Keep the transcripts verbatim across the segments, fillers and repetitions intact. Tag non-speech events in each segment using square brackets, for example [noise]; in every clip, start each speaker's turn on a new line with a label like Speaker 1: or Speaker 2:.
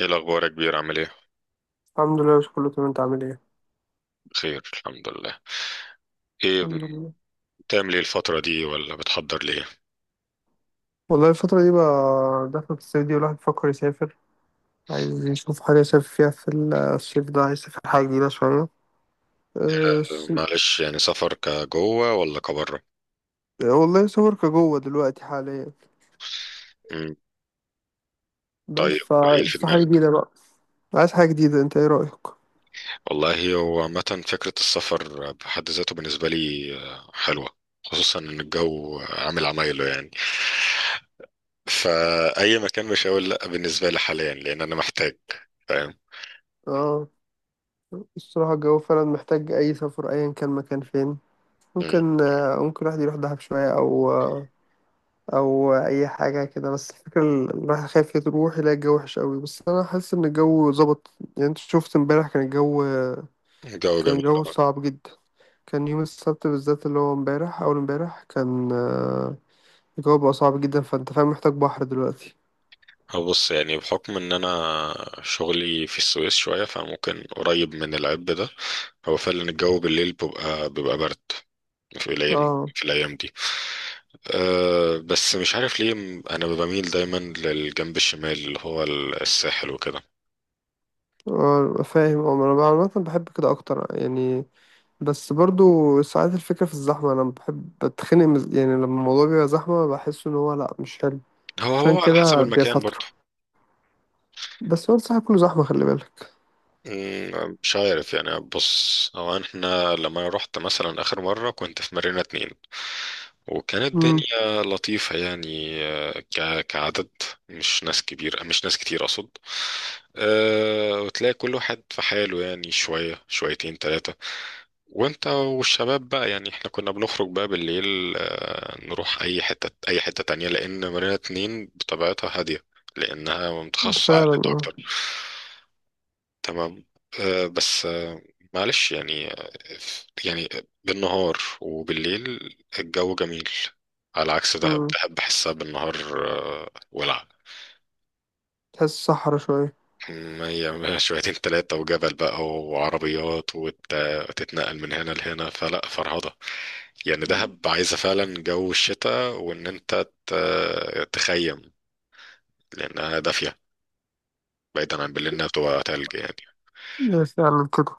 Speaker 1: ايه الاخبار يا كبير، عامل ايه؟
Speaker 2: الحمد لله، مش كله تمام. انت عامل ايه؟
Speaker 1: بخير، الحمد لله. ايه؟
Speaker 2: الحمد لله.
Speaker 1: بتعمل ايه الفتره دي ولا بتحضر ليه؟
Speaker 2: والله الفترة دي بقى دخلت الصيف دي والواحد بيفكر يسافر، عايز يشوف حاجة يسافر فيها في الصيف ده، عايز يسافر حاجة جديدة شوية. أه
Speaker 1: آه،
Speaker 2: الص-
Speaker 1: معلش يعني، سفر كجوه ولا كبره؟
Speaker 2: والله سافر كجوه دلوقتي حاليا،
Speaker 1: مم،
Speaker 2: بس
Speaker 1: طيب، ايه اللي
Speaker 2: فعايز
Speaker 1: في
Speaker 2: في حاجة
Speaker 1: دماغك؟
Speaker 2: جديدة بقى. عايز حاجة جديدة، انت ايه رأيك؟
Speaker 1: والله هو عامه فكره السفر بحد ذاته بالنسبه لي آه، حلوه. خصوصا ان الجو عامل عمايله يعني، فاي مكان مش هقول لا بالنسبه لي حاليا، لان انا محتاج. فاهم.
Speaker 2: اه الصراحة الجو فعلا محتاج أي سفر أيا كان مكان فين.
Speaker 1: مم،
Speaker 2: ممكن آه، ممكن الواحد يروح دهب شوية أو او اي حاجه كده، بس الفكره ال- الواحد خايف يروح يلاقي الجو وحش قوي، بس انا حاسس ان الجو ظبط. يعني انت شفت امبارح كان الجو،
Speaker 1: الجو
Speaker 2: كان
Speaker 1: جميل.
Speaker 2: الجو صعب جدا. كان يوم السبت بالذات اللي هو امبارح اول امبارح، كان آه، الجو بقى صعب جدا، فانت فاهم محتاج بحر دلوقتي.
Speaker 1: أه، بص يعني بحكم ان انا شغلي في السويس شوية فممكن قريب من العب ده. هو فعلا الجو بالليل بيبقى بيبقى برد في الايام،
Speaker 2: اه.
Speaker 1: في الايام دي. أه بس مش عارف ليه، م- انا بميل دايما للجنب الشمال اللي هو الساحل وكده.
Speaker 2: آه، فاهم. اه انا عامه بحب كده اكتر يعني، بس برضو ساعات الفكره في الزحمه، انا بحب بتخنق من- يعني لما الموضوع بيبقى زحمه بحس ان هو لا مش حلو.
Speaker 1: هو
Speaker 2: عشان
Speaker 1: هو على حسب
Speaker 2: كده
Speaker 1: المكان
Speaker 2: بيستطر،
Speaker 1: برضه.
Speaker 2: بس هو الصراحه كله زحمه خلي بالك.
Speaker 1: مم، مش عارف يعني، بص هو احنا لما انا رحت مثلا اخر مرة كنت في مارينا اتنين، وكانت
Speaker 2: إمم،
Speaker 1: الدنيا لطيفة يعني، آه، ك- كعدد، مش ناس كبيرة، مش ناس كتير اقصد. أه، وتلاقي كل واحد في حاله يعني، شوية شويتين تلاتة. وانت والشباب بقى يعني احنا كنا بنخرج بقى بالليل، آه، نروح اي حتة، اي حتة تانية، لان مارينا اتنين بطبيعتها هادية، لانها متخصصة
Speaker 2: فعلًا.
Speaker 1: عائلات
Speaker 2: آه،
Speaker 1: اكتر. تمام. آه، بس آه، معلش يعني آه، يعني بالنهار وبالليل الجو جميل، على عكس دهب.
Speaker 2: إمم،
Speaker 1: دهب بحسها بالنهار آه، ولع.
Speaker 2: تحس صحرا شوية.
Speaker 1: مية مية، شويتين تلاتة وجبل بقى وعربيات وت- وتتنقل من هنا لهنا فلا فرهضة يعني. دهب عايزة فعلا جو الشتاء، وإن أنت ت- تخيم، لأنها دافية، بعيدا عن بالليل إنها بتبقى تلج يعني.
Speaker 2: هي فعلًا كده.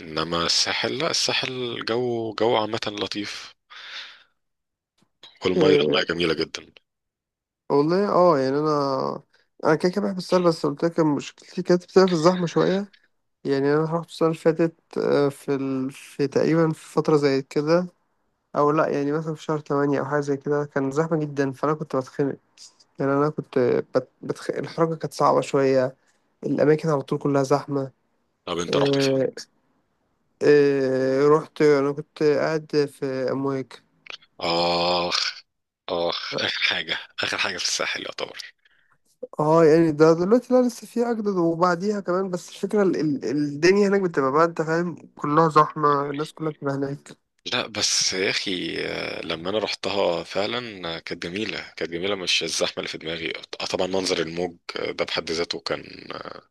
Speaker 1: إنما الساحل لا، الساحل جو جو عامة لطيف، والمية المية
Speaker 2: آآ
Speaker 1: جميلة جدا.
Speaker 2: والله آه، يعني أنا، أنا كده، كده باحب السهر، بس قُلت لك مشكلتي كانت بتبقى في الزحمة شوية. يعني أنا رُحت السنة اللي فاتت، آآ في ال في تقريبًا في فترة زي كده، أو لأ، يعني مثلًا في شهر تمانية أو حاجة زي كده، كان زحمة جدًا، فأنا كنت باتخنق. يعني أنا كنت بت بتخ الحركة كانت صعبة شوية، الأماكن على طول كلّها زحمة.
Speaker 1: طب انت رحت فين؟
Speaker 2: آآ آآ رُحت، أنا كنت قاعد في أمواج.
Speaker 1: آخ، آخ آخر حاجة، آخر حاجة في الساحل يعتبر.
Speaker 2: اه يعني ده دلوقتي لا لسه في اجدد، وبعديها كمان، بس الفكره ال ال الدنيا هناك بتبقى بقى انت فاهم كلها زحمه، الناس كلها بتبقى هناك.
Speaker 1: لا بس يا أخي، آه، لما أنا رحتها فعلا آه، كانت جميلة، كانت جميلة، مش الزحمة اللي في دماغي. آه، طبعا منظر الموج آه، ده بحد ذاته كان آه،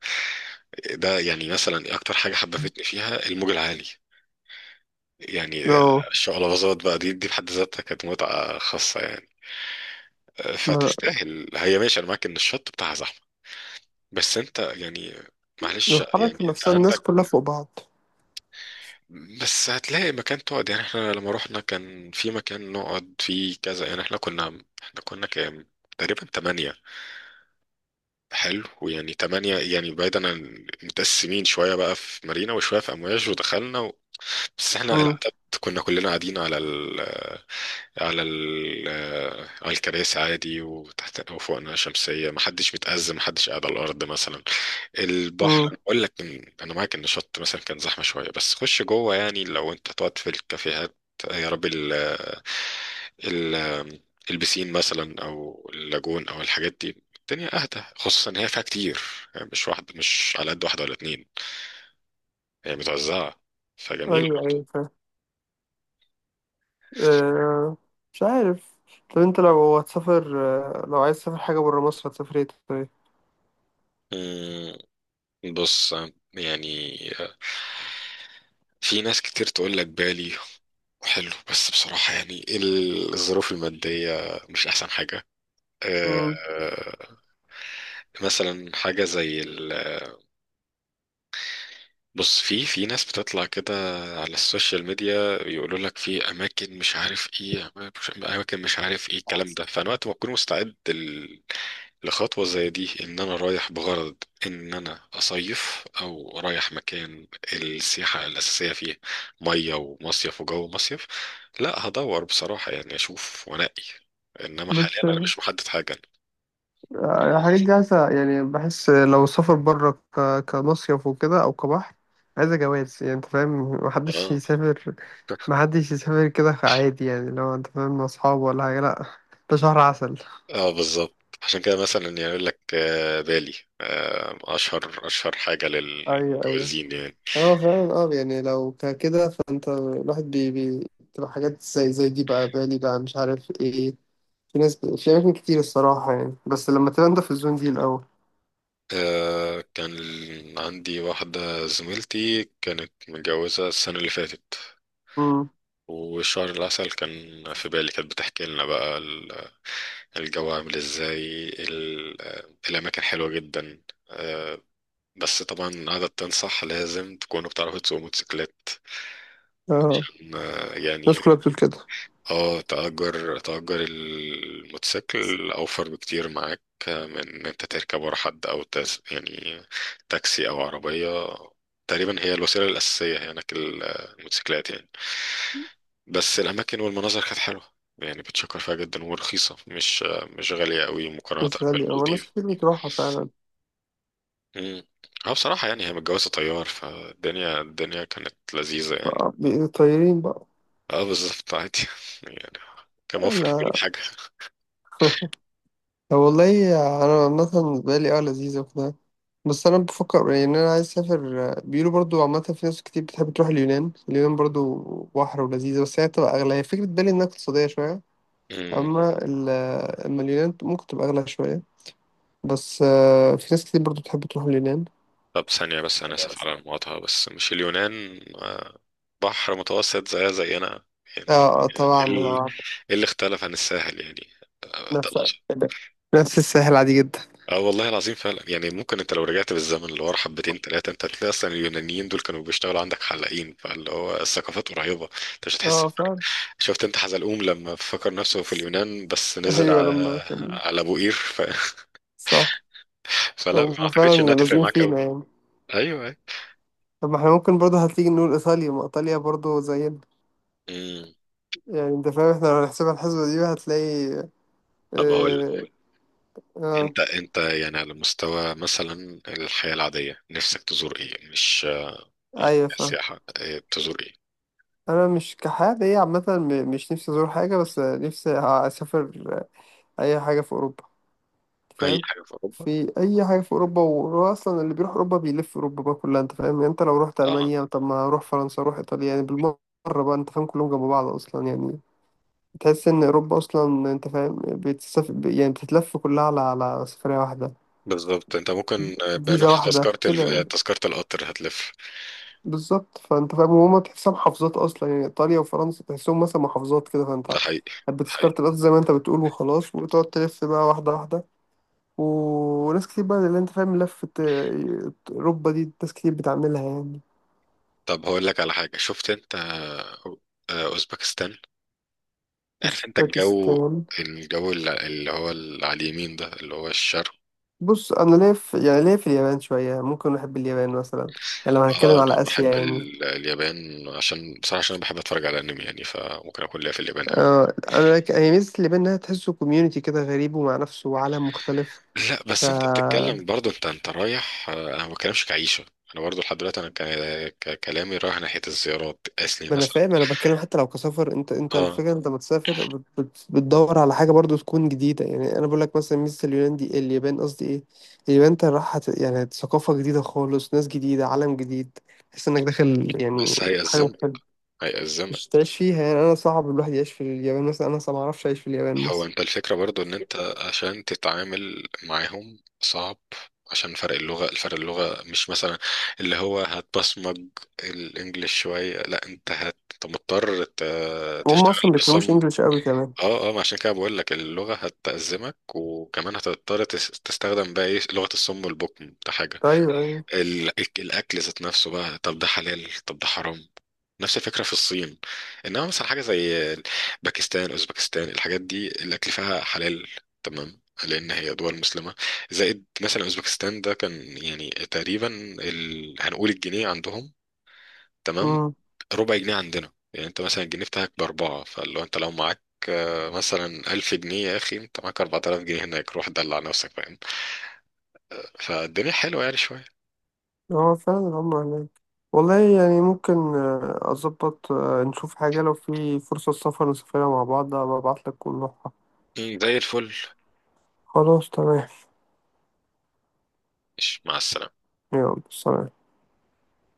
Speaker 1: ده يعني مثلا أكتر حاجة حببتني فيها الموج العالي. يعني آه،
Speaker 2: اه.
Speaker 1: الشقلباظات بقى دي دي بحد ذاتها كانت متعة خاصة يعني. آه،
Speaker 2: ما-
Speaker 1: فتستاهل، هي ماشي أنا معاك إن الشط بتاعها زحمة، بس أنت يعني، معلش
Speaker 2: الحركه
Speaker 1: يعني أنت
Speaker 2: نفسها الناس
Speaker 1: عندك.
Speaker 2: كلها فوق بعض.
Speaker 1: بس هتلاقي مكان تقعد يعني، احنا لما رحنا كان في مكان نقعد فيه كذا يعني، احنا كنا احنا كنا كام؟ تقريبا تمانية. حلو، ويعني تمانية يعني بعيدا عن، متقسمين شوية بقى في مارينا وشوية في أمواج ودخلنا و... بس احنا
Speaker 2: امم.
Speaker 1: العدد كنا كلنا قاعدين على ال على ال على الكراسي عادي، وتحت وفوقنا شمسية، محدش متأزم، محدش قاعد على الأرض مثلا. البحر،
Speaker 2: امم.
Speaker 1: أنا بقول لك إن- انا معاك ان الشط مثلا كان زحمه شويه، بس خش جوه يعني، لو انت تقعد في الكافيهات، يا رب ال ال البسين مثلا او اللاجون او الحاجات دي، الدنيا اهدى، خصوصا ان هي فيها كتير يعني، مش واحده، مش على قد واحده ولا اتنين، هي متوزعه، فجميل
Speaker 2: ايوه
Speaker 1: برضه.
Speaker 2: ايوه فاهم. آه. مش عارف، طب انت لو هتسافر، آه، لو عايز تسافر حاجه بره مصر هتسافر ايه طيب؟
Speaker 1: أمم، بص يعني، في ناس كتير تقول لك بالي حلو، بس بصراحة يعني الظروف المادية مش أحسن حاجة.
Speaker 2: امم.
Speaker 1: آه، مثلا حاجة زي ال... بص، في في ناس بتطلع كده على السوشيال ميديا، يقولوا لك في أماكن مش عارف إيه، أماكن أماكن مش عارف إيه الكلام ده. فأنا وقت ما أكون مستعد ال... لخطوة زي دي، إن أنا رايح بغرض إن أنا أصيف أو رايح مكان السياحة الأساسية فيه مية ومصيف وجو مصيف، لا هدور بصراحة يعني أشوف وأنقي، إنما حاليا
Speaker 2: بس
Speaker 1: أنا مش محدد حاجة.
Speaker 2: الحاجات دي عايزة يعني، بحس لو سافر بره ك... كمصيف وكده أو كبحر، عايزة جواز يعني أنت فاهم، محدش يسافر،
Speaker 1: آه.
Speaker 2: محدش يسافر كده عادي يعني، لو أنت فاهم مع أصحابه ولا حاجة، لأ ده شهر عسل.
Speaker 1: اه بالظبط، عشان كده مثلا يعني يقول لك آه، بالي آه، اشهر اشهر حاجه
Speaker 2: ايوه ايوه.
Speaker 1: للمتجوزين يعني.
Speaker 2: هو فعلا اه يعني لو ك- كده، فانت الواحد بي بي تبقى حاجات زي زي دي بقى، بالي بقى مش عارف ايه، في ناس ب... في اماكن كتير الصراحه، يعني بس لما تبقى انت في الزون دي الاول.
Speaker 1: آه، كان عندي واحده زميلتي كانت متجوزه السنه اللي فاتت،
Speaker 2: امم.
Speaker 1: وشهر العسل كان في بالي، كانت بتحكي لنا بقى ال- الجو عامل ازاي، ال- آه، الاماكن حلوه جدا. آه، بس طبعا قعدت تنصح، لازم تكونوا بتعرفوا تسوقوا موتوسيكلات،
Speaker 2: اه
Speaker 1: عشان آه،
Speaker 2: الناس
Speaker 1: يعني.
Speaker 2: كلها بتقول كده.
Speaker 1: اه، تأجر تأجر الموتوسيكل أوفر بكتير معاك، من إن أنت تركب ورا حد أو تس يعني تاكسي أو عربية، تقريبا هي الوسيلة الأساسية هناك ال- الموتوسيكلات يعني. بس الأماكن والمناظر كانت حلوة يعني، بتشكر فيها جدا، ورخيصة، مش مش غالية قوي مقارنة
Speaker 2: مش غالي اه، ناس
Speaker 1: بالمالديف.
Speaker 2: كتير بتروحها فعلا.
Speaker 1: مم. اه بصراحة يعني هي متجوزة طيار، فالدنيا، الدنيا كانت لذيذة يعني.
Speaker 2: بقى بي- طايرين بقى.
Speaker 1: اه بالظبط، عادي [laughs] يعني. كان موفر في كل
Speaker 2: انا. [laughs] والله، انا مثلا بالي اه لذيذه وكده، بس انا بفكر يعني إن انا عايز اسافر، بيقولوا برضو عامه في ناس كتير بتحب تروح اليونان، اليونان برضو بحر ولذيذه، بس هي تبقى اغلى، هي فكره بالي انها اقتصاديه شويه.
Speaker 1: حاجة.
Speaker 2: اما ال- اما اليونان ممكن تبقى اغلى شويه، بس آه، في ناس كتير برضو بتحب تروح اليونان.
Speaker 1: طب ثانية بس، أنا آسف على المقاطعة، بس مش اليونان آه، بحر متوسط زيها زينا
Speaker 2: اه
Speaker 1: يعني.
Speaker 2: آه،
Speaker 1: ال-
Speaker 2: طبعا
Speaker 1: إيه
Speaker 2: طبعا.
Speaker 1: اللي اختلف عن الساحل يعني؟ آه، ده
Speaker 2: نفس
Speaker 1: الأصل.
Speaker 2: نفس الساحل عادي جدا.
Speaker 1: اه والله العظيم، فعلا يعني ممكن انت لو رجعت بالزمن اللي ورا حبتين ثلاثة، انت هتلاقي اصلا اليونانيين دول كانوا بيشتغلوا عندك حلاقين، فاللي هو الثقافات قريبة، انت مش هتحس
Speaker 2: اه
Speaker 1: بفرق.
Speaker 2: فعلا.
Speaker 1: شفت انت حزلقوم لما فكر نفسه في اليونان بس نزل
Speaker 2: ايوه لما
Speaker 1: على
Speaker 2: كان.
Speaker 1: على ابو قير ف...
Speaker 2: صح.
Speaker 1: [laughs] فلا، ما
Speaker 2: هم
Speaker 1: اعتقدش انها
Speaker 2: فعلا
Speaker 1: تفرق
Speaker 2: لازقين
Speaker 1: معاك قوي.
Speaker 2: فينا يعني.
Speaker 1: ايوه ايوه.
Speaker 2: طب ما احنا ممكن برضه هتيجي نقول ايطاليا، ما ايطاليا برضه زينا.
Speaker 1: مم.
Speaker 2: يعني انت فاهم احنا لو هنحسبها الحسبة دي هتلاقي
Speaker 1: طب هقول،
Speaker 2: اه. اه
Speaker 1: انت انت يعني على مستوى مثلا الحياة العادية نفسك تزور ايه؟ مش يعني
Speaker 2: ايوه فاهم.
Speaker 1: سياحة، اه، تزور ايه؟
Speaker 2: انا مش كحاجة ايه عامة، م- مش نفسي ازور حاجة بس نفسي اسافر، اي حاجة في اوروبا، أنت
Speaker 1: اي
Speaker 2: فاهم،
Speaker 1: حاجة في اوروبا.
Speaker 2: في اي حاجة في اوروبا، وهو اصلا اللي بيروح اوروبا بيلف اوروبا بقى كلها انت فاهم، يعني انت لو رحت
Speaker 1: اه
Speaker 2: المانيا طب ما اروح فرنسا اروح ايطاليا يعني بالمرة، بقى انت فاهم كلهم جنب بعض اصلا يعني، تحس ان اوروبا اصلا انت فاهم بتسافر يعني بتتلف كلها على على سفريه واحده،
Speaker 1: بالظبط، انت ممكن اه،
Speaker 2: فيزا
Speaker 1: بنفس
Speaker 2: واحده
Speaker 1: تذكرة
Speaker 2: كده
Speaker 1: ال- اه،
Speaker 2: يعني.
Speaker 1: تذكرة القطر هتلف.
Speaker 2: بالظبط، فانت فاهم وهما تحسها محافظات اصلا يعني، ايطاليا وفرنسا تحسهم مثلا محافظات كده،
Speaker 1: ده
Speaker 2: فانت
Speaker 1: حقيقي. ده
Speaker 2: بتذكرة
Speaker 1: حقيقي.
Speaker 2: القطر زي ما انت بتقول وخلاص، وتقعد تلف بقى واحده واحده. وناس كتير بقى اللي انت فاهم لفه آه، اوروبا دي ناس كتير بتعملها يعني.
Speaker 1: طب هقول لك على حاجة، شفت انت اه، آه، اوزبكستان. عارف انت الجو،
Speaker 2: اوزبكستان؟
Speaker 1: الجو الل- اللي هو اللي على اليمين ده اللي هو الشرق.
Speaker 2: بص انا ليا في يعني ليا في اليابان شويه، ممكن احب اليابان مثلا، يعني لو هنتكلم
Speaker 1: اه انا
Speaker 2: على اسيا
Speaker 1: بحب
Speaker 2: يعني.
Speaker 1: ال- اليابان، عشان بصراحة عشان انا بحب اتفرج على انمي يعني، فممكن اكون ليا في اليابان قوي.
Speaker 2: اه انا ك- هي ميزة اللي بينها تحسه كوميونيتي كده، غريب ومع نفسه وعالم مختلف.
Speaker 1: لا
Speaker 2: ف،
Speaker 1: بس انت بتتكلم برضو، انت انت رايح، آه، انا ما بتكلمش كعيشه. انا برضو لحد دلوقتي انا ك- ك- كلامي رايح ناحيه الزيارات اسلي
Speaker 2: ما انا
Speaker 1: مثلا.
Speaker 2: فاهم، انا بتكلم حتى لو كسفر، انت انت
Speaker 1: اه
Speaker 2: الفكره انت بتسافر بت... بت... بتدور على حاجه برضو تكون جديده، يعني انا بقول لك مثلا ميزه اليونان دي، اليابان قصدي ايه. اليابان انت راح هت... يعني ثقافه جديده خالص، ناس جديده، عالم جديد، تحس انك داخل يعني
Speaker 1: بس
Speaker 2: حاجه
Speaker 1: هيأزمك،
Speaker 2: مختلفه،
Speaker 1: هيأزمك.
Speaker 2: مش تعيش فيها يعني، انا صعب الواحد يعيش في اليابان مثلا، انا اصلا ما اعرفش اعيش في اليابان
Speaker 1: هو
Speaker 2: مثلا.
Speaker 1: انت الفكره برضو ان انت عشان تتعامل معاهم صعب، عشان فرق اللغه، الفرق اللغه مش مثلا اللي هو هتبصمج الانجليش شويه، لا انت هت- أنت مضطر ت-
Speaker 2: وهم
Speaker 1: تشتغل.
Speaker 2: اصلا ما بيتكلموش انجلش قوي كمان.
Speaker 1: اه اه، ما عشان كده بقول لك اللغة هتأزمك، وكمان هتضطر تس- تستخدم بقى ايه، لغة الصم والبكم ده حاجة. ال- الأكل ذات نفسه بقى، طب ده حلال طب ده حرام. نفس الفكرة في الصين. إنما مثلا حاجة زي باكستان، أوزبكستان، الحاجات دي الأكل فيها حلال، تمام، لأن هي دول مسلمة. زائد مثلا أوزبكستان ده كان يعني تقريبا ال... هنقول الجنيه عندهم تمام
Speaker 2: طيب.
Speaker 1: ربع جنيه عندنا، يعني انت مثلا الجنيه بتاعك باربعة، فلو انت لو معاك آه، مثلا ألف جنيه، يا أخي أنت معاك أربعة آلاف جنيه هناك، روح دلع نفسك، فاهم؟ فالدنيا حلوة يعني شوية.
Speaker 2: هو فعلا هم هناك. والله يعني ممكن آه، أظبط، آه، نشوف حاجة لو في فرصة سفر نسافرها مع بعض، أبقى أبعتلك ونروحها.
Speaker 1: مم، زي الفل.
Speaker 2: خلاص تمام.
Speaker 1: ماشي، مع السلامة.
Speaker 2: يلا سلام.